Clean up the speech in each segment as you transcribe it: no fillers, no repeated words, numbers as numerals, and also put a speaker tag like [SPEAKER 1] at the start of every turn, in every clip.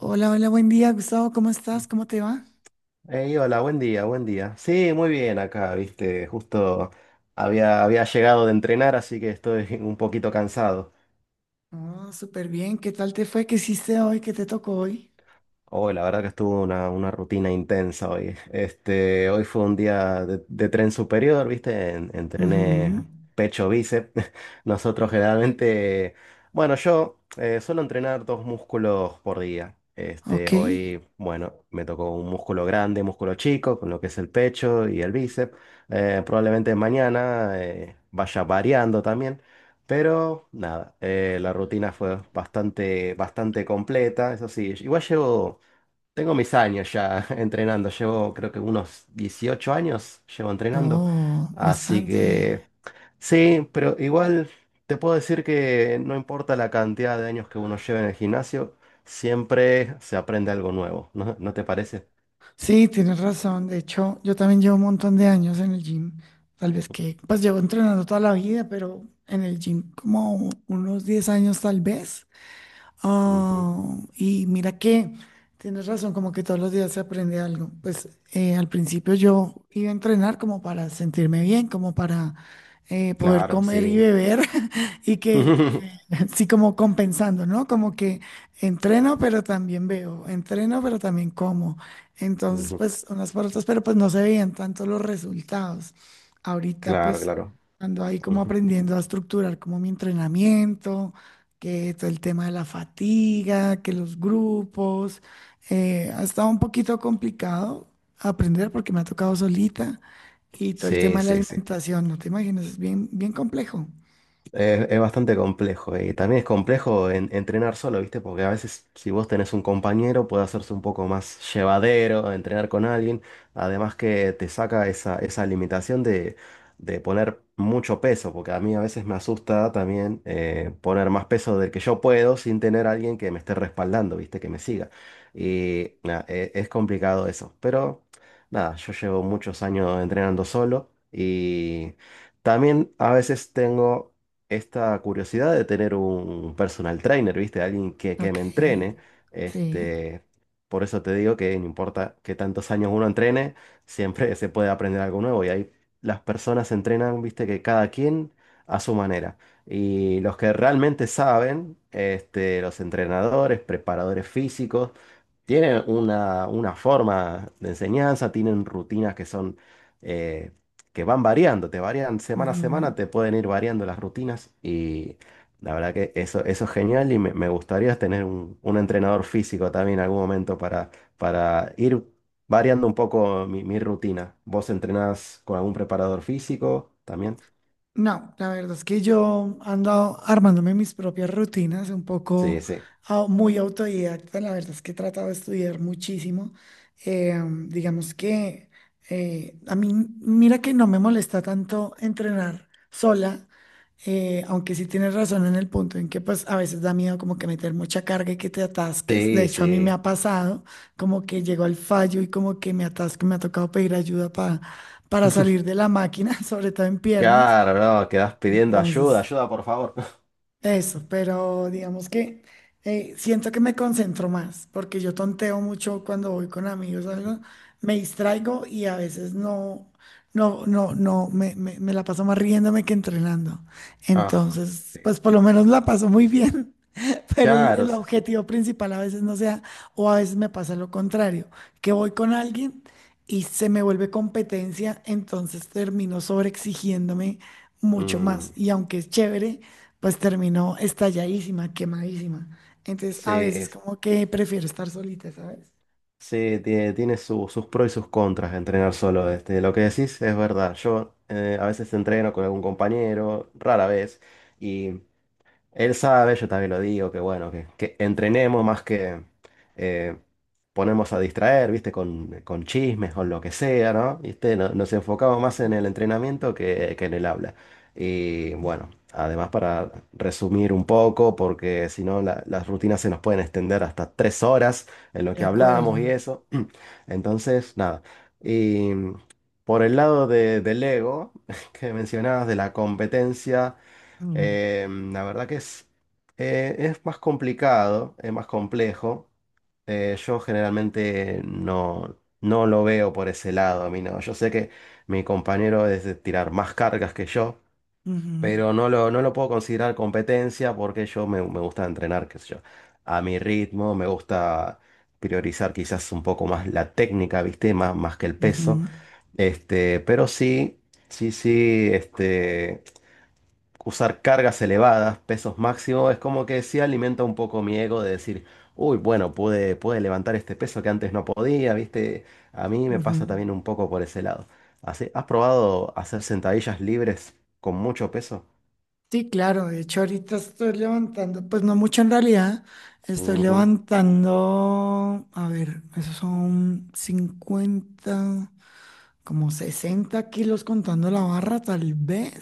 [SPEAKER 1] Hola, hola, buen día, Gustavo, ¿cómo estás? ¿Cómo te va?
[SPEAKER 2] Ey, hola, buen día, buen día. Sí, muy bien acá, viste, justo había llegado de entrenar, así que estoy un poquito cansado.
[SPEAKER 1] Oh, súper bien, ¿qué tal te fue? ¿Qué hiciste hoy? ¿Qué te tocó hoy?
[SPEAKER 2] Hoy, la verdad que estuvo una rutina intensa hoy. Hoy fue un día de tren superior, ¿viste? Entrené
[SPEAKER 1] Ujú.
[SPEAKER 2] pecho, bíceps. Nosotros generalmente, bueno, yo suelo entrenar dos músculos por día.
[SPEAKER 1] Ok.
[SPEAKER 2] Hoy, bueno, me tocó un músculo grande, músculo chico, con lo que es el pecho y el bíceps. Probablemente mañana vaya variando también. Pero nada, la rutina fue bastante, bastante completa, eso sí. Igual llevo tengo mis años ya entrenando, llevo creo que unos 18 años llevo entrenando,
[SPEAKER 1] Oh,
[SPEAKER 2] así
[SPEAKER 1] bastante.
[SPEAKER 2] que sí, pero igual te puedo decir que no importa la cantidad de años que uno lleve en el gimnasio, siempre se aprende algo nuevo, ¿no, no te parece?
[SPEAKER 1] Sí, tienes razón. De hecho, yo también llevo un montón de años en el gym. Tal vez que, pues llevo entrenando toda la vida, pero en el gym como unos 10 años tal vez.
[SPEAKER 2] Ujú.
[SPEAKER 1] Oh, y mira que tienes razón, como que todos los días se aprende algo. Pues al principio yo iba a entrenar como para sentirme bien, como para poder
[SPEAKER 2] Claro,
[SPEAKER 1] comer y
[SPEAKER 2] sí.
[SPEAKER 1] beber y que
[SPEAKER 2] Ujú.
[SPEAKER 1] sí como compensando, ¿no? Como que entreno pero también veo, entreno pero también como. Entonces, pues unas por otras, pero pues no se veían tanto los resultados. Ahorita
[SPEAKER 2] Claro,
[SPEAKER 1] pues
[SPEAKER 2] claro.
[SPEAKER 1] ando ahí como
[SPEAKER 2] Ujú.
[SPEAKER 1] aprendiendo a estructurar como mi entrenamiento, que todo el tema de la fatiga, que los grupos, ha estado un poquito complicado aprender porque me ha tocado solita, y todo el tema
[SPEAKER 2] Sí,
[SPEAKER 1] de la
[SPEAKER 2] sí, sí.
[SPEAKER 1] alimentación, no te imaginas, es bien, bien complejo.
[SPEAKER 2] Es bastante complejo y también es complejo entrenar solo, ¿viste? Porque a veces si vos tenés un compañero puede hacerse un poco más llevadero entrenar con alguien, además que te saca esa limitación de poner mucho peso, porque a mí a veces me asusta también poner más peso del que yo puedo sin tener a alguien que me esté respaldando, ¿viste? Que me siga. Y nada, es complicado eso, pero nada, yo llevo muchos años entrenando solo y también a veces tengo esta curiosidad de tener un personal trainer, ¿viste? Alguien que
[SPEAKER 1] Ok,
[SPEAKER 2] me entrene.
[SPEAKER 1] sí.
[SPEAKER 2] Este, por eso te digo que no importa qué tantos años uno entrene, siempre se puede aprender algo nuevo. Y ahí las personas se entrenan, ¿viste? Que cada quien a su manera. Y los que realmente saben, los entrenadores, preparadores físicos, tienen una forma de enseñanza, tienen rutinas que son, eh, que van variando, te varían semana a
[SPEAKER 1] Ujú.
[SPEAKER 2] semana, te pueden ir variando las rutinas y la verdad que eso es genial y me gustaría tener un entrenador físico también en algún momento para ir variando un poco mi rutina. ¿Vos entrenás con algún preparador físico también?
[SPEAKER 1] No, la verdad es que yo ando armándome mis propias rutinas, un
[SPEAKER 2] Sí,
[SPEAKER 1] poco
[SPEAKER 2] sí.
[SPEAKER 1] muy autodidacta, la verdad es que he tratado de estudiar muchísimo. Eh, digamos que a mí, mira que no me molesta tanto entrenar sola, aunque sí tienes razón en el punto en que pues a veces da miedo como que meter mucha carga y que te atasques. De
[SPEAKER 2] Sí,
[SPEAKER 1] hecho, a mí me
[SPEAKER 2] sí.
[SPEAKER 1] ha pasado como que llego al fallo y como que me atasco, y me ha tocado pedir ayuda para salir de la máquina, sobre todo en piernas.
[SPEAKER 2] Claro, no, quedás pidiendo ayuda,
[SPEAKER 1] Entonces,
[SPEAKER 2] ayuda por favor.
[SPEAKER 1] eso, pero digamos que siento que me concentro más, porque yo tonteo mucho cuando voy con amigos o algo, me distraigo y a veces no, me la paso más riéndome que entrenando.
[SPEAKER 2] Ah,
[SPEAKER 1] Entonces,
[SPEAKER 2] sí.
[SPEAKER 1] pues por lo menos la paso muy bien, pero el,
[SPEAKER 2] Claro.
[SPEAKER 1] el objetivo principal a veces no sea, o a veces me pasa lo contrario, que voy con alguien y se me vuelve competencia, entonces termino sobreexigiéndome mucho
[SPEAKER 2] Mm.
[SPEAKER 1] más. Y aunque es chévere, pues termino estalladísima, quemadísima. Entonces a
[SPEAKER 2] Sí,
[SPEAKER 1] veces como que prefiero estar solita, ¿sabes?
[SPEAKER 2] sí, tiene sus pros y sus contras entrenar solo. Lo que decís es verdad. Yo a veces entreno con algún compañero, rara vez. Él sabe, yo también lo digo, que bueno, que entrenemos más que eh, ponemos a distraer, ¿viste? Con chismes, con lo que sea, ¿no? ¿Viste? Nos enfocamos más en el entrenamiento que en el habla. Y
[SPEAKER 1] Ujú.
[SPEAKER 2] bueno, además para resumir un poco, porque si no las rutinas se nos pueden extender hasta 3 horas en lo
[SPEAKER 1] De
[SPEAKER 2] que hablamos y
[SPEAKER 1] acuerdo.
[SPEAKER 2] eso. Entonces, nada. Y por el lado del ego que mencionabas, de la competencia.
[SPEAKER 1] Mm,
[SPEAKER 2] Eh, la verdad que es más complicado, es más complejo. Yo generalmente no lo veo por ese lado, a mí no. Yo sé que mi compañero es de tirar más cargas que yo,
[SPEAKER 1] ujú,
[SPEAKER 2] pero no lo puedo considerar competencia porque yo me gusta entrenar, qué sé yo, a mi ritmo, me gusta priorizar quizás un poco más la técnica, ¿viste? Más que el peso.
[SPEAKER 1] ujú,
[SPEAKER 2] Pero sí, sí, sí, usar cargas elevadas, pesos máximos, es como que sí alimenta un poco mi ego de decir, uy, bueno, pude levantar este peso que antes no podía, ¿viste? A mí me pasa
[SPEAKER 1] ujú.
[SPEAKER 2] también un poco por ese lado. Así, ¿has probado hacer sentadillas libres con mucho peso?
[SPEAKER 1] Sí, claro, de hecho ahorita estoy levantando, pues no mucho en realidad, estoy
[SPEAKER 2] Ujú.
[SPEAKER 1] levantando, a ver, esos son 50, como 60 kilos contando la barra, tal vez,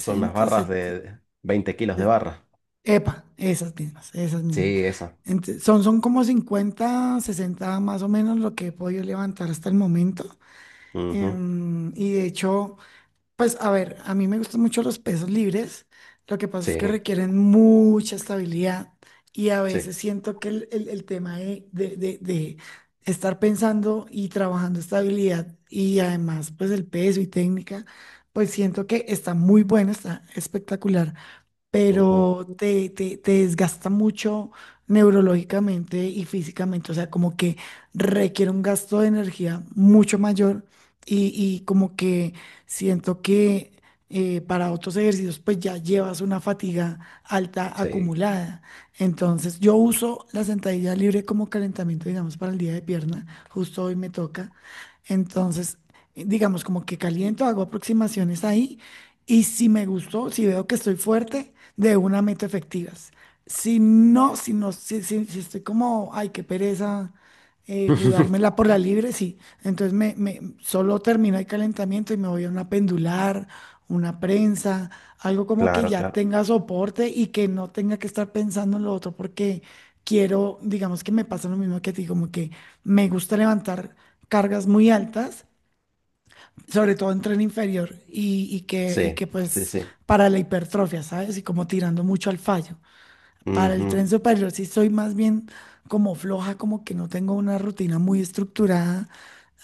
[SPEAKER 2] Son unas barras
[SPEAKER 1] 70,
[SPEAKER 2] de 20 kilos de
[SPEAKER 1] de-
[SPEAKER 2] barra.
[SPEAKER 1] epa, esas mismas, esas mismas.
[SPEAKER 2] Sí, esa.
[SPEAKER 1] Son como 50, 60 más o menos lo que he podido levantar hasta el momento.
[SPEAKER 2] Ujú.
[SPEAKER 1] Y de hecho... Pues a ver, a mí me gustan mucho los pesos libres. Lo que pasa es que
[SPEAKER 2] Sí,
[SPEAKER 1] requieren mucha estabilidad, y a
[SPEAKER 2] sí.
[SPEAKER 1] veces siento que el tema de estar pensando y trabajando estabilidad y además pues el peso y técnica, pues siento que está muy bueno, está espectacular,
[SPEAKER 2] Ujú.
[SPEAKER 1] pero te desgasta mucho neurológicamente y físicamente, o sea, como que requiere un gasto de energía mucho mayor, y como que siento que para otros ejercicios pues ya llevas una fatiga alta
[SPEAKER 2] Sí.
[SPEAKER 1] acumulada. Entonces yo uso la sentadilla libre como calentamiento, digamos, para el día de pierna, justo hoy me toca. Entonces, digamos, como que caliento, hago aproximaciones ahí, y si me gustó, si veo que estoy fuerte, de una meto efectivas. Si no, si no, si estoy como, ay, qué pereza jugármela por la libre, sí. Entonces solo termino el calentamiento y me voy a una pendular, una prensa, algo como que
[SPEAKER 2] Claro,
[SPEAKER 1] ya
[SPEAKER 2] claro.
[SPEAKER 1] tenga soporte y que no tenga que estar pensando en lo otro, porque quiero, digamos que me pasa lo mismo que a ti, como que me gusta levantar cargas muy altas sobre todo en tren inferior, y, y que, y
[SPEAKER 2] Sí,
[SPEAKER 1] que
[SPEAKER 2] sí,
[SPEAKER 1] pues
[SPEAKER 2] sí.
[SPEAKER 1] para la hipertrofia, ¿sabes? Y como tirando mucho al fallo. Para el tren
[SPEAKER 2] Ujú.
[SPEAKER 1] superior sí soy más bien como floja, como que no tengo una rutina muy estructurada.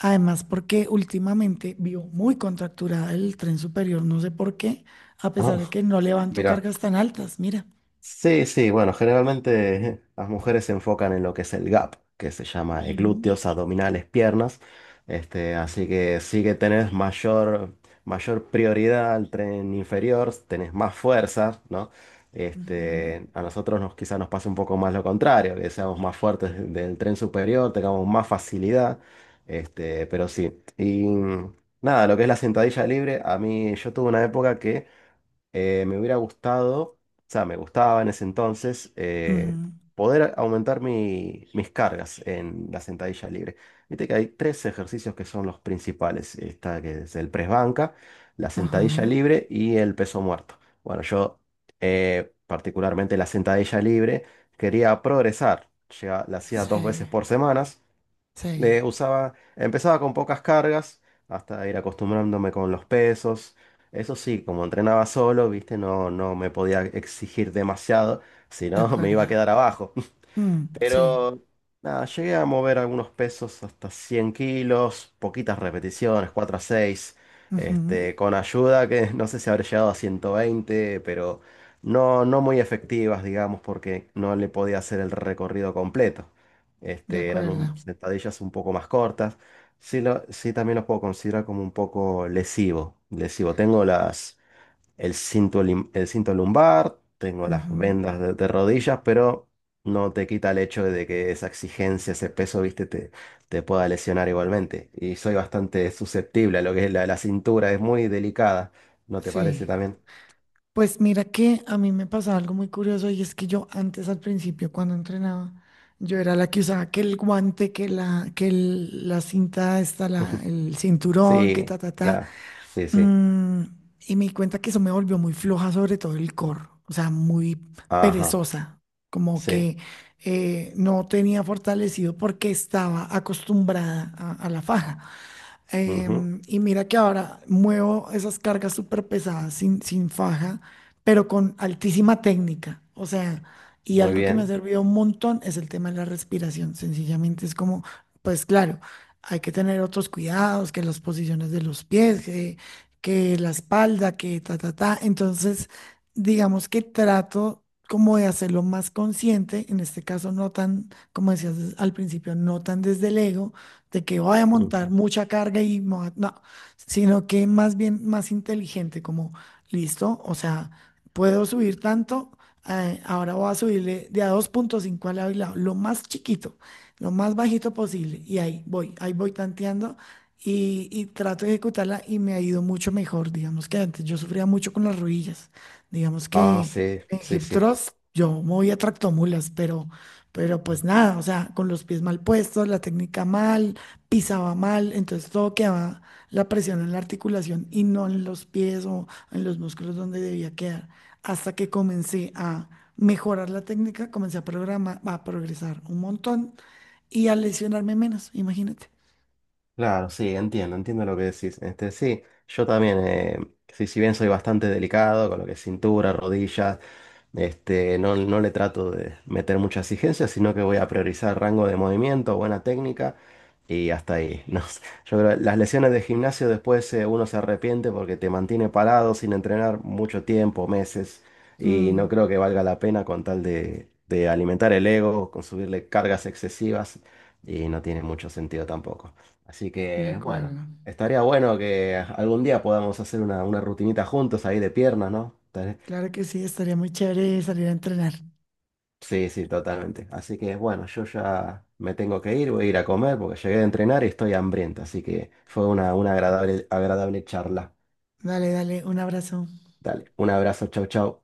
[SPEAKER 1] Además, porque últimamente vio muy contracturada el tren superior, no sé por qué, a
[SPEAKER 2] Ah,
[SPEAKER 1] pesar de que no levanto
[SPEAKER 2] mira.
[SPEAKER 1] cargas tan altas, mira.
[SPEAKER 2] Sí, sí, bueno, generalmente las mujeres se enfocan en lo que es el gap, que se llama
[SPEAKER 1] Ujú,
[SPEAKER 2] glúteos, abdominales, piernas. Así que sí que tenés mayor prioridad al tren inferior, tenés más fuerza, ¿no?
[SPEAKER 1] ujú,
[SPEAKER 2] A nosotros quizás nos pasa un poco más lo contrario, que seamos más fuertes del tren superior, tengamos más facilidad. Pero sí. Y nada, lo que es la sentadilla libre, a mí yo tuve una época que me hubiera gustado, o sea, me gustaba en ese entonces
[SPEAKER 1] ujú,
[SPEAKER 2] poder aumentar mis cargas en la sentadilla libre. Viste que hay tres ejercicios que son los principales. Está que es el press banca, la
[SPEAKER 1] ajá,
[SPEAKER 2] sentadilla libre y el peso muerto. Bueno, yo particularmente la sentadilla libre quería progresar. La hacía dos
[SPEAKER 1] sí,
[SPEAKER 2] veces por semana.
[SPEAKER 1] sí,
[SPEAKER 2] Empezaba con pocas cargas hasta ir acostumbrándome con los pesos. Eso sí, como entrenaba solo, viste, no me podía exigir demasiado, si
[SPEAKER 1] de
[SPEAKER 2] no me iba a quedar
[SPEAKER 1] acuerdo.
[SPEAKER 2] abajo.
[SPEAKER 1] Mm, sí,
[SPEAKER 2] Pero nada, llegué a mover algunos pesos hasta 100 kilos, poquitas repeticiones, 4 a seis,
[SPEAKER 1] ujú,
[SPEAKER 2] con ayuda que no sé si habré llegado a 120, pero no muy efectivas, digamos, porque no le podía hacer el recorrido completo.
[SPEAKER 1] de
[SPEAKER 2] Eran un-
[SPEAKER 1] acuerdo.
[SPEAKER 2] sentadillas un poco más cortas. Sí, sí, también los puedo considerar como un poco lesivo. Lesivo. Tengo las el cinto, el cinto lumbar, tengo las
[SPEAKER 1] Ujú.
[SPEAKER 2] vendas de rodillas, pero no te quita el hecho de que esa exigencia, ese peso, viste, te pueda lesionar igualmente. Y soy bastante susceptible a lo que es la cintura, es muy delicada, ¿no te parece
[SPEAKER 1] Sí,
[SPEAKER 2] también?
[SPEAKER 1] pues mira que a mí me pasaba algo muy curioso, y es que yo antes al principio cuando entrenaba, yo era la que usaba que el guante, que la, la cinta esta, el cinturón, que ta,
[SPEAKER 2] Sí,
[SPEAKER 1] ta, ta.
[SPEAKER 2] la, sí, sí,
[SPEAKER 1] mm, y me di cuenta que eso me volvió muy floja, sobre todo el core, o sea, muy
[SPEAKER 2] ajá,
[SPEAKER 1] perezosa, como
[SPEAKER 2] sí,
[SPEAKER 1] que no tenía fortalecido porque estaba acostumbrada a la faja.
[SPEAKER 2] ujú.
[SPEAKER 1] Y mira que ahora muevo esas cargas súper pesadas sin faja, pero con altísima técnica. O sea, y
[SPEAKER 2] Muy
[SPEAKER 1] algo que me ha
[SPEAKER 2] bien.
[SPEAKER 1] servido un montón es el tema de la respiración. Sencillamente es como, pues claro, hay que tener otros cuidados, que las posiciones de los pies, que la espalda, que ta, ta, ta. Entonces, digamos que trato como de hacerlo más consciente, en este caso no tan, como decías al principio, no tan desde el ego de que voy a montar
[SPEAKER 2] Ujú.
[SPEAKER 1] mucha carga y no, sino que más bien más inteligente, como listo, o sea, puedo subir tanto, ahora voy a subirle de a 2,5 al lado y lado, lo más chiquito, lo más bajito posible, y ahí voy tanteando. Y trato de ejecutarla y me ha ido mucho mejor. Digamos que antes yo sufría mucho con las rodillas. Digamos
[SPEAKER 2] Ah,
[SPEAKER 1] que
[SPEAKER 2] sí,
[SPEAKER 1] en
[SPEAKER 2] sí,
[SPEAKER 1] hip
[SPEAKER 2] sí.
[SPEAKER 1] thrust yo movía tractomulas, pero, pues nada, o sea, con los pies mal puestos, la técnica mal, pisaba mal, entonces todo quedaba la presión en la articulación y no en los pies o en los músculos donde debía quedar. Hasta que comencé a mejorar la técnica, comencé a programar, a progresar un montón y a lesionarme menos, imagínate.
[SPEAKER 2] Claro, sí, entiendo lo que decís. Sí, yo también, sí, si bien soy bastante delicado con lo que es cintura, rodillas, no le trato de meter mucha exigencia, sino que voy a priorizar rango de movimiento, buena técnica y hasta ahí. No sé. Yo creo que las lesiones de gimnasio después uno se arrepiente porque te mantiene parado sin entrenar mucho tiempo, meses, y
[SPEAKER 1] Mm,
[SPEAKER 2] no creo que valga la pena con tal de alimentar el ego, con subirle cargas excesivas, y no tiene mucho sentido tampoco. Así
[SPEAKER 1] de
[SPEAKER 2] que, bueno,
[SPEAKER 1] acuerdo.
[SPEAKER 2] estaría bueno que algún día podamos hacer una rutinita juntos ahí de piernas, ¿no?
[SPEAKER 1] Claro que sí, estaría muy chévere salir a entrenar.
[SPEAKER 2] Sí, sí, totalmente. Así que, bueno, yo ya me tengo que ir, voy a ir a comer porque llegué de entrenar y estoy hambriento. Así que fue una agradable, agradable charla.
[SPEAKER 1] Dale, dale, un abrazo.
[SPEAKER 2] Dale, un abrazo, chau, chau.